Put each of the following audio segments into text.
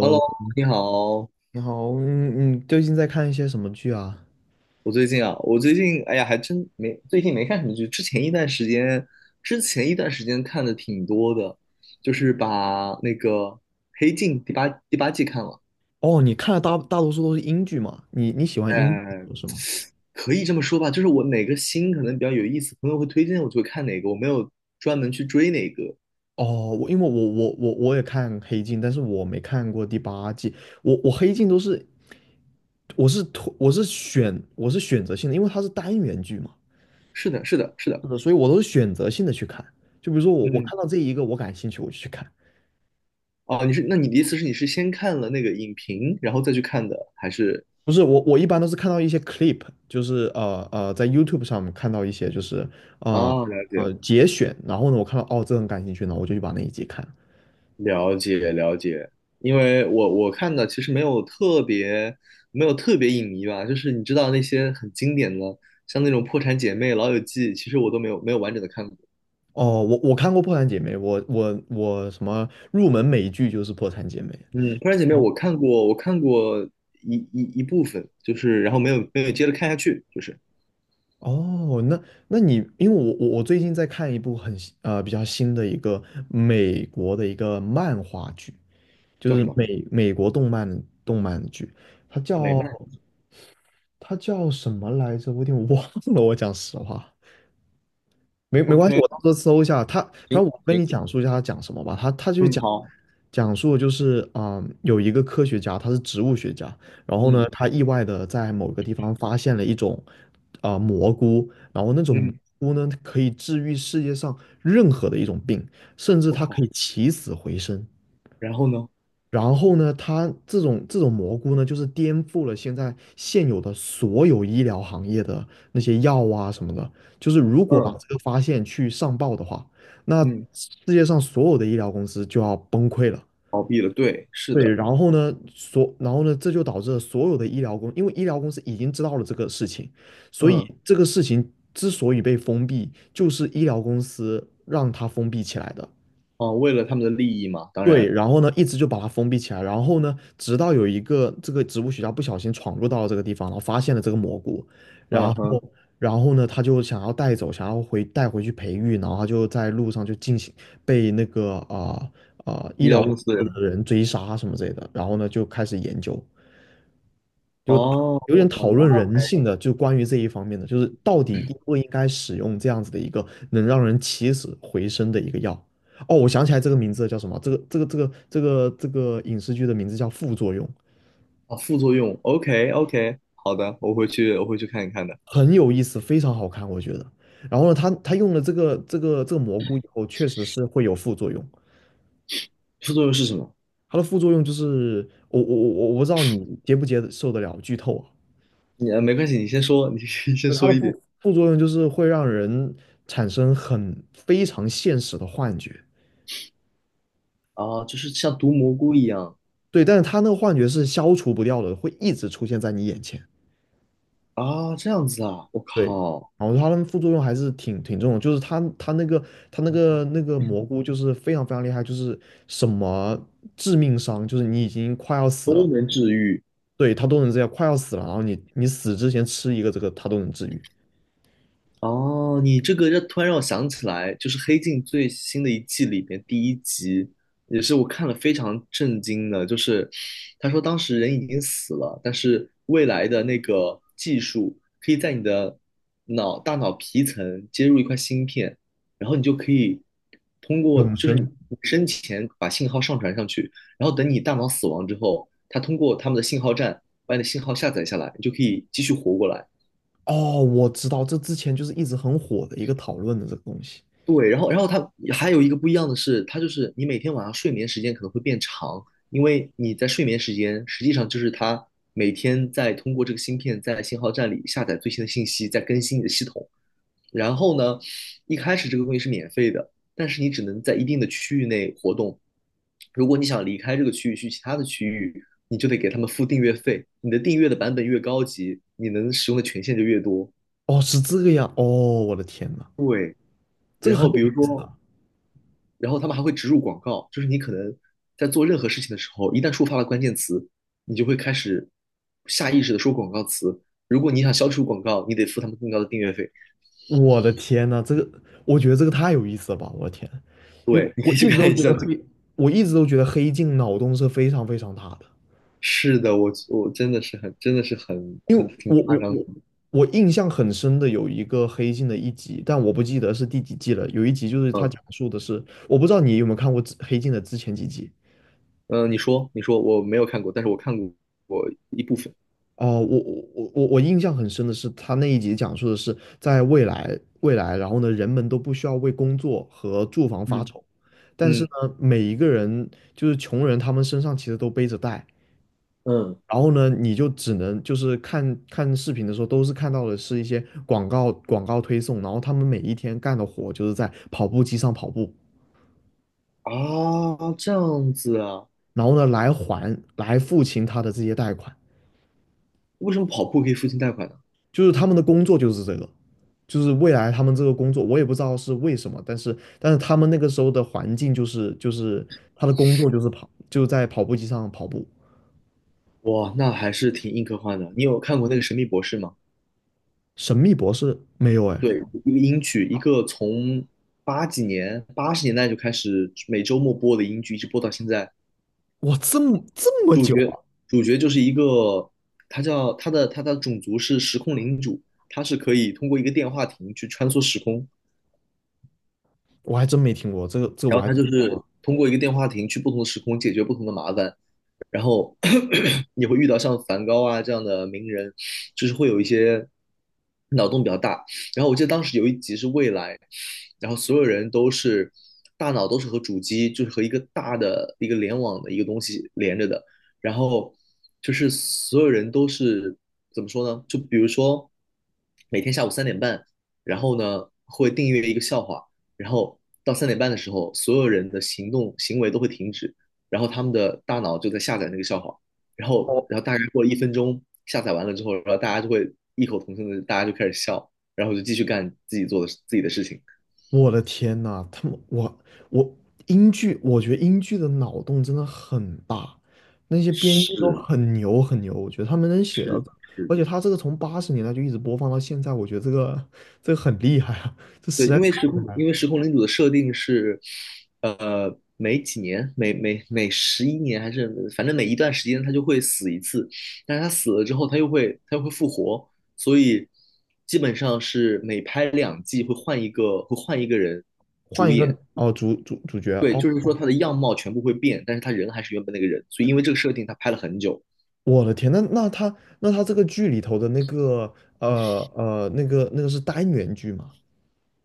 Hello，你好。你好，你最近在看一些什么剧啊？我最近啊，我最近哎呀，还真没最近没看什么剧。之前一段时间看的挺多的，就是把那个《黑镜》第八季看了。哦，你看的大多数都是英剧嘛？你喜欢英剧哎，是吗？可以这么说吧，就是我哪个新可能比较有意思，朋友会推荐我就会看哪个，我没有专门去追哪个。哦，因为我也看《黑镜》，但是我没看过第八季。我《黑镜》都是我是选择性的，因为它是单元剧嘛，是的，是的，是的。是的，所以我都是选择性的去看。就比如说我嗯，看到这一个我感兴趣，我就去看。哦，你的意思是你是先看了那个影评，然后再去看的，还是？不是我，我一般都是看到一些 clip，就是在 YouTube 上面看到一些就是呃哦，了解。节选，然后呢，我看到哦这很感兴趣呢，我就去把那一集看。了解了解，因为我看的其实没有特别影迷吧，就是你知道那些很经典的，像那种《破产姐妹》《老友记》，其实我都没有完整的看过。哦，我看过《破产姐妹》，我什么入门美剧就是《破产姐妹》。嗯，《破产姐妹》哦，我看过，我看过一部分，就是然后没有接着看下去，就是哦，那你因为我最近在看一部比较新的一个美国的一个漫画剧，就叫什是么美国动漫剧，它美叫漫他叫什么来着？我有点忘了。我讲实话，没关系，？OK,我到时候搜一下。他。反行正我跟行，你讲述一下他讲什么吧。他就是嗯，讲好，讲述就是有一个科学家，他是植物学家，然后呢，嗯他意外的在某个地方发现了一种蘑菇，然后那种蘑嗯，菇呢可以治愈世界上任何的一种病，甚至我它可靠，以起死回生。然后呢？然后呢，它这种蘑菇呢，就是颠覆了现有的所有医疗行业的那些药啊什么的。就是如果把嗯这个发现去上报的话，那嗯世界上所有的医疗公司就要崩溃了。倒闭了，对，是对，的，然后呢，这就导致了所有的医疗公，因为医疗公司已经知道了这个事情，所以嗯这个事情之所以被封闭，就是医疗公司让它封闭起来的。哦，为了他们的利益嘛，当对，然，然后呢，一直就把它封闭起来，然后呢，直到有一个这个植物学家不小心闯入到了这个地方，然后发现了这个蘑菇，嗯，嗯然后，哼，然后呢，他就想要带走，想要回带回去培育，然后他就在路上就进行被那个医医疗疗公司。的的人追杀什么之类的，然后呢就开始研究。就哦，有点我想讨到论人性的，就关于这一方面的，就是到底应不应该使用这样子的一个能让人起死回生的一个药。哦，我想起来这个名字叫什么？这个影视剧的名字叫《副作用》，啊副作用，OK OK,好的，我回去看一看的。很有意思，非常好看，我觉得。然后呢，他用了这个蘑菇以后，确实是会有副作用。副作用是什么？它的副作用就是，我不知道你接不接受得了剧透啊。你没关系，你先说，你 先它说的一点。副作用就是会让人产生非常现实的幻觉。啊，就是像毒蘑菇一样对，但是他那个幻觉是消除不掉的，会一直出现在你眼前。啊，这样子啊，我对，靠，然后它的副作用还是挺重的，就是他他那个他那个那个蘑菇就是非常非常厉害，就是什么致命伤，就是你已经快要死了，对，他都能这样，快要死了，然后你死之前吃一个这个，他都能治愈哦，你这个突然让我想起来，就是《黑镜》最新的一季里边第一集，也是我看了非常震惊的，就是他说当时人已经死了，但是未来的那个技术可以在你的大脑皮层接入一块芯片，然后你就可以通过永就生。是你生前把信号上传上去，然后等你大脑死亡之后，它通过他们的信号站把你的信号下载下来，你就可以继续活过来。哦，我知道，这之前就是一直很火的一个讨论的这个东西。对，然后它还有一个不一样的是，它就是你每天晚上睡眠时间可能会变长，因为你在睡眠时间实际上就是它每天在通过这个芯片在信号站里下载最新的信息，在更新你的系统。然后呢，一开始这个东西是免费的，但是你只能在一定的区域内活动。如果你想离开这个区域去其他的区域，你就得给他们付订阅费。你的订阅的版本越高级，你能使用的权限就越多。哦，是这个样。哦，我的天呐，这个然很后有比如意思。说然后他们还会植入广告，就是你可能在做任何事情的时候，一旦触发了关键词，你就会开始下意识的说广告词。如果你想消除广告，你得付他们更高的订阅费。我的天呐，这个我觉得这个太有意思了吧！我的天，因为对，你可以去看一下这个。我一直都觉得黑镜脑洞是非常非常大的，是的，我我真的是很真的是很因为很挺我夸我张的我我印象很深的有一个黑镜的一集，但我不记得是第几季了。有一集就是它嗯讲述的是，我不知道你有没有看过之黑镜的之前几集，嗯，你说我没有看过，但是我看过一部分。哦，我印象很深的是，他那一集讲述的是在未来，然后呢，人们都不需要为工作和住房发嗯愁，但是嗯呢，每一个人就是穷人，他们身上其实都背着贷，嗯然后呢，你就只能就是看看视频的时候，都是看到的是一些广告推送，然后他们每一天干的活就是在跑步机上跑步，啊，这样子啊？然后呢，来还来付清他的这些贷款，为什么跑步可以付清贷款呢？就是他们的工作就是这个。就是未来他们这个工作，我也不知道是为什么，但是他们那个时候的环境就是他的工作就是跑，就在跑步机上跑步。哇，那还是挺硬科幻的。你有看过那个《神秘博士》吗？神秘博士没有哎，对，一个英剧，一个从八几年、八十年代就开始每周末播的英剧，一直播到现在。哇，这么主久角啊，主角就是一个，他叫他的种族是时空领主，他是可以通过一个电话亭去穿梭时空，我还真没听过这个，这个然我后还他真就没听是过。通过一个电话亭去不同的时空解决不同的麻烦。然后 你会遇到像梵高啊这样的名人，就是会有一些脑洞比较大。然后我记得当时有一集是未来，然后所有人都是大脑都是和主机，就是和一个大的一个联网的一个东西连着的。然后就是所有人都是怎么说呢？就比如说每天下午三点半，然后呢会订阅一个笑话，然后到三点半的时候，所有人的行动行为都会停止，然后他们的大脑就在下载那个笑话，然后哦，然后大概过了一分钟，下载完了之后，然后大家就会异口同声的，大家就开始笑，然后就继续干自己的事情。我的天呐，他们我我英剧，我觉得英剧的脑洞真的很大，那些编剧都是很牛很牛，我觉得他们能写到，是是，而且他这个从80年代就一直播放到现在，我觉得这个很厉害啊。这对，实在因为时空领主的设定是，呃，每几年每每每十一年还是反正每一段时间他就会死一次，但是他死了之后他又会复活，所以基本上是每拍两季会换一个人换主一个。演。哦，主角对，哦，就是说他的样貌全部会变，但是他人还是原本那个人，所以因为这个设定，他拍了很久。我的天，那这个剧里头的那个那个是单元剧吗？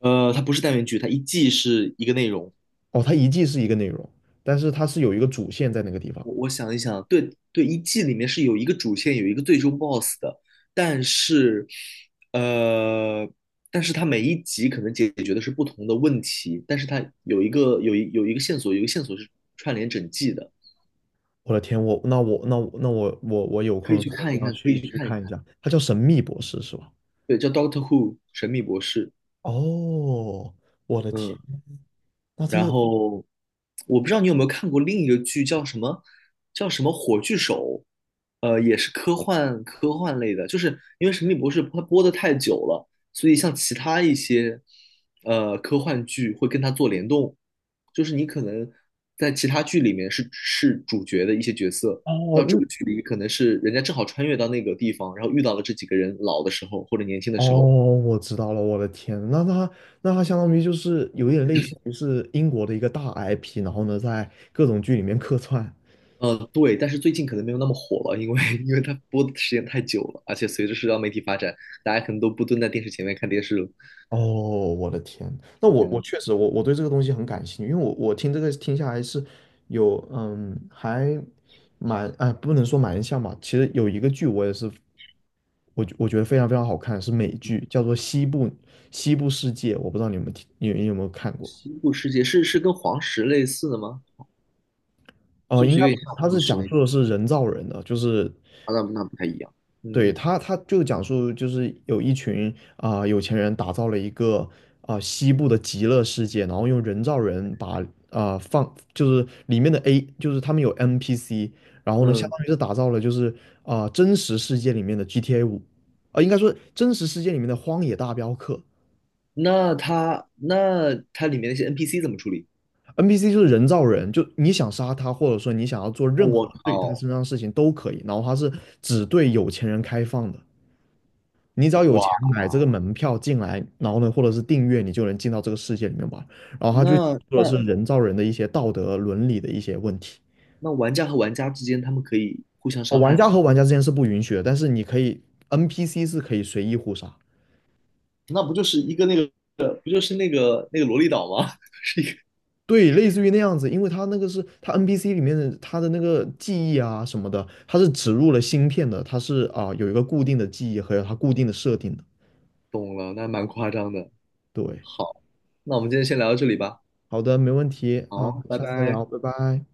呃，它不是单元剧，它一季是一个内容。哦，它一季是一个内容，但是它是有一个主线在那个地方。我我想一想，对对，一季里面是有一个主线，有一个最终 BOSS 的，但是呃，但是它每一集可能解决的是不同的问题，但是它有一个有一个线索，有一个线索是串联整季的，我的天，我那我那我那我我我有空的时候我一定要可去以去去看一看一看。下。它叫《神秘博士》是吧？对，叫 Doctor Who 神秘博士。哦，我的天，嗯，那这然个后我不知道你有没有看过另一个剧，叫什么《火炬手》，呃，也是科幻类的，就是因为《神秘博士》它播的太久了，所以像其他一些呃科幻剧会跟它做联动，就是你可能在其他剧里面是主角的一些角色。哦，到这个剧里，可能是人家正好穿越到那个地方，然后遇到了这几个人老的时候或者年轻的哦，时候，我知道了，我的天，那它相当于就是有一点类似于是英国的一个大 IP，然后呢，在各种剧里面客串。呃，对，但是最近可能没有那么火了，因为 因为它播的时间太久了，而且随着社交媒体发展，大家可能都不蹲在电视前面看电视了，哦，我的天，那是这我样子。确实我对这个东西很感兴趣，因为我听这个听下来是有还蛮哎不能说蛮像吧，其实有一个剧我也是我觉得非常非常好看，是美剧，叫做西部世界》，我不知道你们有听，你有没有看过？西部世界是是跟黄石类似的吗？是哦，不应是该有点像它黄是石讲那个述的是人造人的，就是啊，那那不太一样。嗯对他，他就讲述就是有一群有钱人打造了一个西部的极乐世界，然后用人造人把就是里面的 A 就是他们有 NPC，然后呢相嗯，当于是打造了就是真实世界里面的 GTA5，应该说真实世界里面的荒野大镖客那它里面那些 NPC 怎么处理？，NPC 就是人造人，就你想杀他或者说你想要做任我何对他靠，身上的事情都可以，然后他是只对有钱人开放的。你只要有钱哇，买这个门票进来，然后呢，或者是订阅，你就能进到这个世界里面玩。然后他就那说的那是人造人的一些道德伦理的一些问题。那玩家和玩家之间他们可以互相哦，伤玩害家吗？和玩家之间是不允许的，但是你可以 NPC 是可以随意互杀。那不就是一个那个不就是那个那个萝莉岛吗？对，类似于那样子，因为他那个是他 NPC 里面的他的那个记忆啊什么的，他是植入了芯片的，他是有一个固定的记忆和有它固定的设定的。懂了，那蛮夸张的。对，好，那我们今天先聊到这里吧。好的，没问题啊，好，拜下次再拜。聊，拜拜。